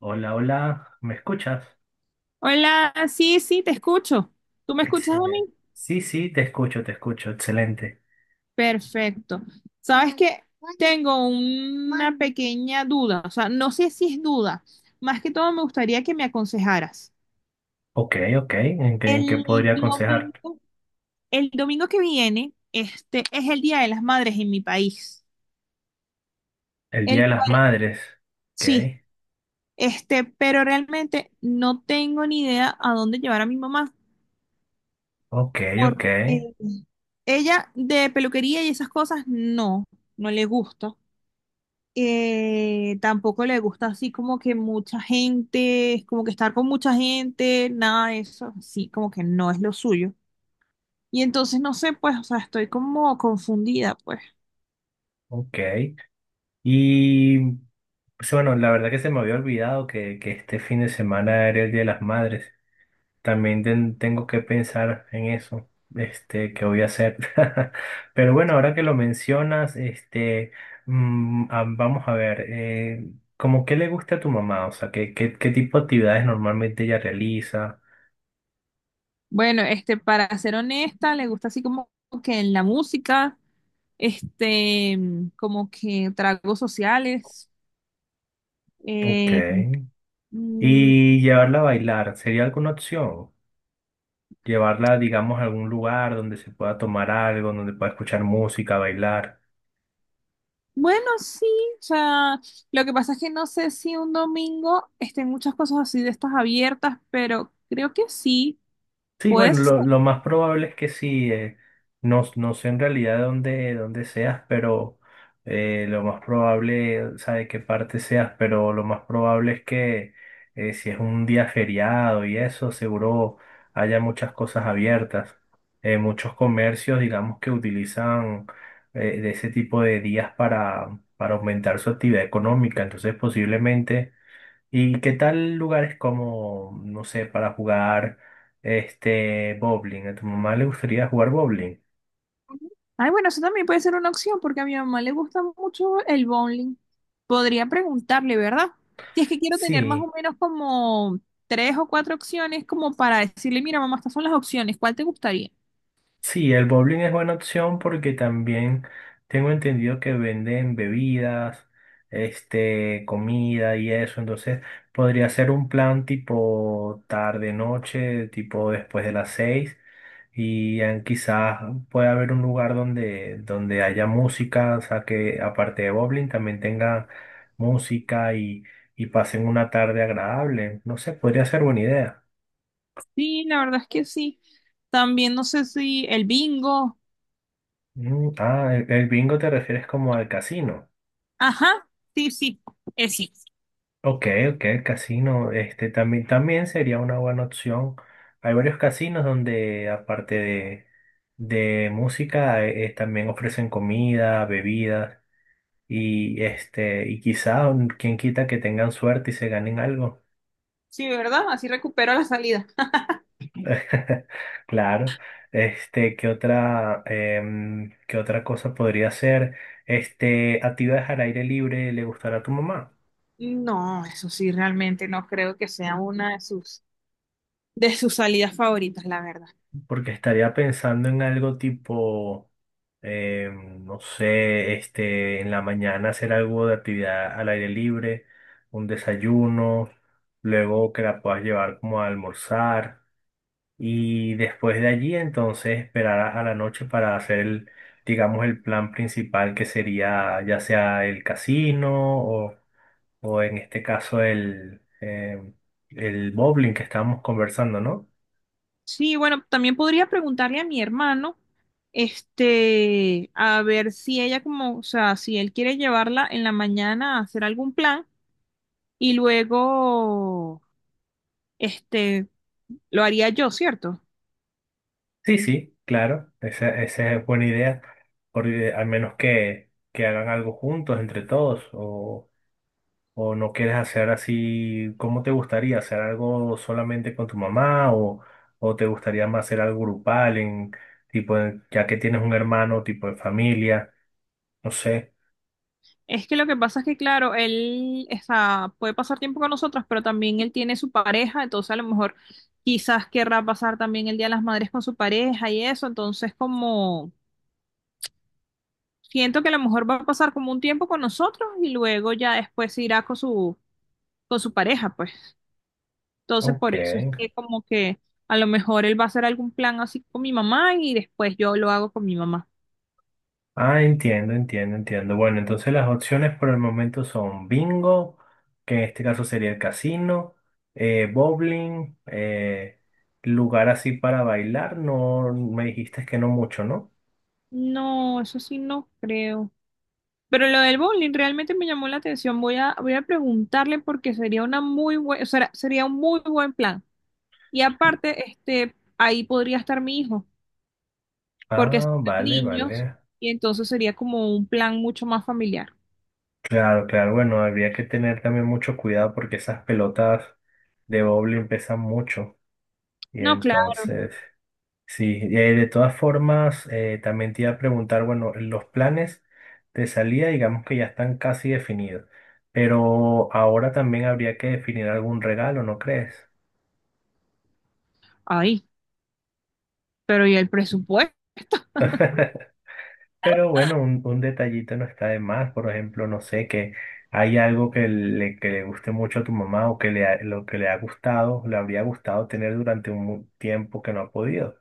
Hola, hola, ¿me escuchas? Hola, sí, sí, te escucho. ¿Tú me escuchas a Excelente. mí? Sí, sí, te escucho, excelente. Perfecto. Sabes que tengo una pequeña duda, o sea, no sé si es duda. Más que todo me gustaría que me aconsejaras. Ok, ok, en qué El podría aconsejar? domingo, el domingo que viene, este es el Día de las Madres en mi país, El Día el de las cual Madres. Ok, sí, pero realmente no tengo ni idea a dónde llevar a mi mamá, ok, ok, porque ella de peluquería y esas cosas no, no le gusta. Tampoco le gusta así como que mucha gente, como que estar con mucha gente, nada de eso, sí, como que no es lo suyo. Y entonces no sé, pues, o sea, estoy como confundida, pues. ok. Y pues, bueno, la verdad que se me había olvidado que este fin de semana era el Día de las Madres. También tengo que pensar en eso, este, que voy a hacer. Pero bueno, ahora que lo mencionas, este, vamos a ver, ¿cómo qué le gusta a tu mamá? O sea, ¿qué, qué, qué tipo de actividades normalmente ella realiza? Bueno, para ser honesta, le gusta así como que en la música, este, como que tragos sociales, Ok. eh, mm, ¿Y llevarla a bailar? ¿Sería alguna opción? Llevarla, digamos, a algún lugar donde se pueda tomar algo, donde pueda escuchar música, bailar. bueno, sí, o sea, lo que pasa es que no sé si un domingo estén muchas cosas así de estas abiertas, pero creo que sí. Sí, bueno, Pues, lo más probable es que sí. No, no sé en realidad dónde, dónde seas, pero lo más probable, o sea, de qué parte seas, pero lo más probable es que, si es un día feriado y eso, seguro haya muchas cosas abiertas. Muchos comercios, digamos, que utilizan, de ese tipo de días para aumentar su actividad económica. Entonces, posiblemente ¿y qué tal lugares como, no sé, para jugar este bowling? ¿A tu mamá le gustaría jugar bowling? ay, bueno, eso también puede ser una opción porque a mi mamá le gusta mucho el bowling. Podría preguntarle, ¿verdad? Si es que quiero tener más Sí. o menos como tres o cuatro opciones como para decirle, mira, mamá, estas son las opciones, ¿cuál te gustaría? Sí, el bowling es buena opción porque también tengo entendido que venden bebidas, este, comida y eso. Entonces podría ser un plan tipo tarde, noche, tipo después de las seis. Y quizás pueda haber un lugar donde, donde haya música, o sea que aparte de bowling también tenga música y pasen una tarde agradable. No sé, podría ser buena idea. Sí, la verdad es que sí. También no sé si el bingo. El bingo te refieres como al casino. Ajá, sí, sí, es sí. Ok, ok, el casino, este también, también sería una buena opción. Hay varios casinos donde, aparte de música, también ofrecen comida, bebidas, y este, y quizá quien quita que tengan suerte y se ganen algo. Sí, ¿verdad? Así recupero la salida. Claro. Este, ¿qué otra, qué otra cosa podría ser? Este, actividades al aire libre, ¿le gustará a tu mamá? No, eso sí, realmente no creo que sea una de sus salidas favoritas, la verdad. Porque estaría pensando en algo tipo, no sé, este, en la mañana hacer algo de actividad al aire libre, un desayuno, luego que la puedas llevar como a almorzar y después de allí entonces esperar a la noche para hacer el, digamos, el plan principal que sería ya sea el casino o en este caso el bowling que estábamos conversando, ¿no? Sí, bueno, también podría preguntarle a mi hermano, a ver si ella como, o sea, si él quiere llevarla en la mañana a hacer algún plan y luego, este, lo haría yo, ¿cierto? Sí, sí, claro, esa es buena idea, porque al menos que hagan algo juntos, entre todos, o no quieres hacer así, ¿cómo te gustaría? ¿Hacer algo solamente con tu mamá o te gustaría más hacer algo grupal, en, tipo, ya que tienes un hermano, tipo de familia? No sé. Es que lo que pasa es que, claro, él, o sea, puede pasar tiempo con nosotros, pero también él tiene su pareja, entonces a lo mejor quizás querrá pasar también el Día de las Madres con su pareja y eso, entonces como... Siento que a lo mejor va a pasar como un tiempo con nosotros y luego ya después se irá con su pareja, pues. Entonces, Ok. por eso es que como que a lo mejor él va a hacer algún plan así con mi mamá y después yo lo hago con mi mamá. Ah, entiendo, entiendo, entiendo. Bueno, entonces las opciones por el momento son bingo, que en este caso sería el casino, bowling, lugar así para bailar, no me dijiste que no mucho, ¿no? No, eso sí no creo. Pero lo del bowling realmente me llamó la atención. Voy a preguntarle porque sería una muy buen, o sea, sería un muy buen plan. Y aparte, ahí podría estar mi hijo, porque son Ah, vale, vale. niños y entonces sería como un plan mucho más familiar. Claro, claro, bueno, habría que tener también mucho cuidado porque esas pelotas de bowling pesan mucho y No, claro. entonces... Sí, de todas formas, también te iba a preguntar, bueno, los planes de salida, digamos que ya están casi definidos, pero ahora también habría que definir algún regalo, ¿no crees? Ay, pero ¿y el presupuesto? Pero bueno, un detallito no está de más, por ejemplo, no sé, que hay algo que que le guste mucho a tu mamá o que lo que le ha gustado, le habría gustado tener durante un tiempo que no ha podido.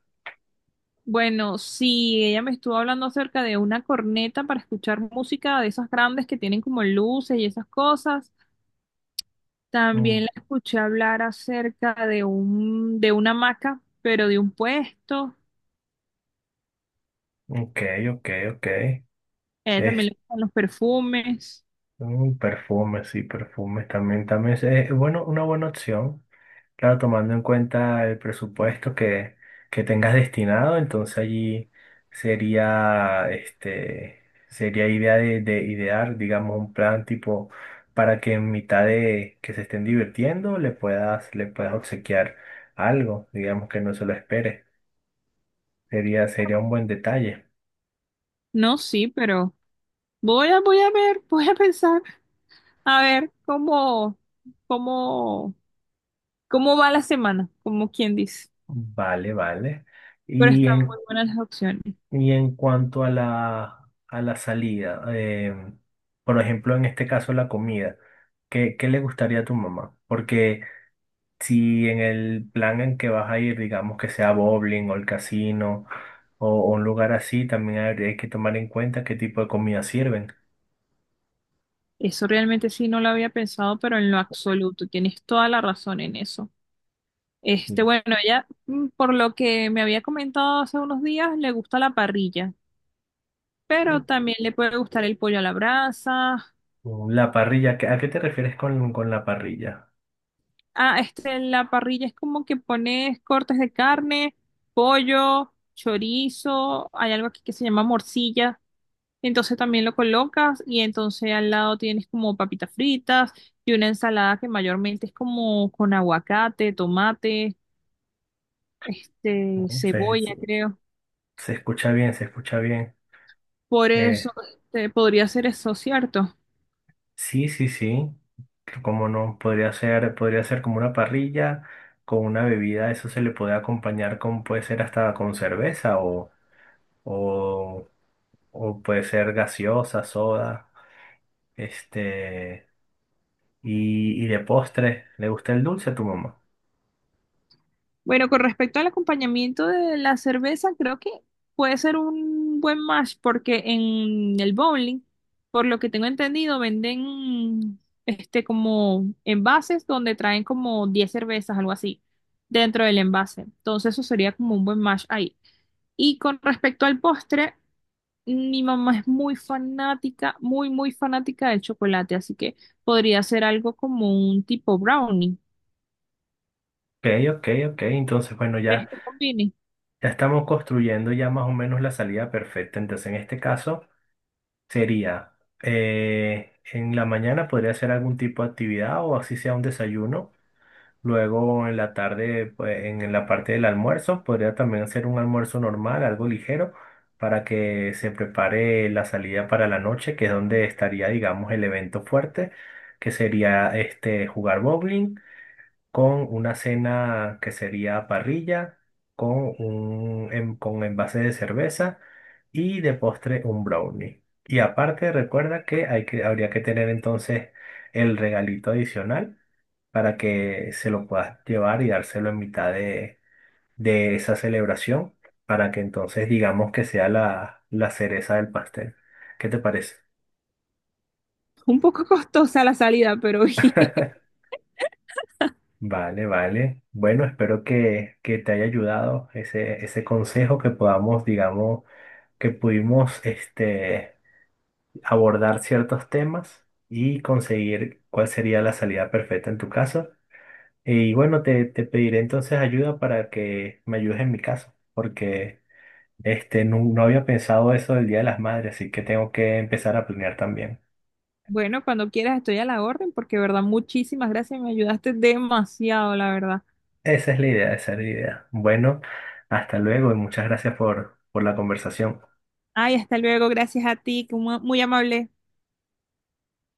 Bueno, sí, ella me estuvo hablando acerca de una corneta para escuchar música de esas grandes que tienen como luces y esas cosas. Mm, También la escuché hablar acerca de de una hamaca, pero de un puesto. ok, ok, ok. A ella también le gustan los perfumes. Perfumes, sí, perfumes también, también es bueno, una buena opción. Claro, tomando en cuenta el presupuesto que tengas destinado, entonces allí sería, este, sería idea de idear, digamos, un plan tipo para que en mitad de que se estén divirtiendo le puedas obsequiar algo, digamos que no se lo espere. Sería, sería un buen detalle. No, sí, pero voy a ver, voy a pensar, a ver cómo, cómo, cómo va la semana, como quien dice. Vale, vale. Pero Y están muy en buenas las opciones. Y en cuanto a a la salida, por ejemplo, en este caso la comida, ¿qué, qué le gustaría a tu mamá? Porque si en el plan en que vas a ir, digamos que sea bowling o el casino o un lugar así, también hay que tomar en cuenta qué tipo de comida sirven. Eso realmente sí no lo había pensado, pero en lo absoluto, tienes toda la razón en eso. Este, Mm. bueno, ella, por lo que me había comentado hace unos días, le gusta la parrilla, pero también le puede gustar el pollo a la brasa. La parrilla, ¿a qué te refieres con la parrilla? Ah, la parrilla es como que pones cortes de carne, pollo, chorizo, hay algo aquí que se llama morcilla, entonces también lo colocas y entonces al lado tienes como papitas fritas y una ensalada que mayormente es como con aguacate, tomate, ¿No? cebolla, se- creo. Se escucha bien, se escucha bien. Por eso Eh, podría ser eso, ¿cierto? Sí, sí, sí. Como no, podría ser como una parrilla con una bebida, eso se le puede acompañar con, puede ser hasta con cerveza o, o puede ser gaseosa, soda, este, y de postre, ¿le gusta el dulce a tu mamá? Bueno, con respecto al acompañamiento de la cerveza, creo que puede ser un buen match porque en el bowling, por lo que tengo entendido, venden como envases donde traen como 10 cervezas, algo así, dentro del envase. Entonces eso sería como un buen match ahí. Y con respecto al postre, mi mamá es muy fanática, muy, muy fanática del chocolate, así que podría ser algo como un tipo brownie. Ok, ok, ok, entonces bueno, ya, Este combine. ya estamos construyendo ya más o menos la salida perfecta, entonces en este caso sería, en la mañana podría ser algún tipo de actividad o así sea un desayuno. Luego en la tarde, pues en la parte del almuerzo, podría también hacer un almuerzo normal, algo ligero, para que se prepare la salida para la noche, que es donde estaría, digamos, el evento fuerte, que sería este jugar bowling con una cena que sería parrilla, con un con envase de cerveza y de postre un brownie. Y aparte, recuerda que hay que habría que tener entonces el regalito adicional para que se lo puedas llevar y dárselo en mitad de esa celebración, para que entonces digamos que sea la cereza del pastel. ¿Qué te parece? Un poco costosa la salida, pero bien. Vale, vale. Bueno, espero que te haya ayudado ese, ese consejo, que podamos, digamos, que pudimos este, abordar ciertos temas y conseguir cuál sería la salida perfecta en tu caso. Y bueno, te pediré entonces ayuda para que me ayudes en mi caso, porque este, no, no había pensado eso del Día de las Madres, así que tengo que empezar a planear también. Bueno, cuando quieras estoy a la orden, porque de verdad, muchísimas gracias, me ayudaste demasiado, la verdad. Esa es la idea, esa es la idea. Bueno, hasta luego y muchas gracias por la conversación. Ay, hasta luego, gracias a ti, que mu- muy amable.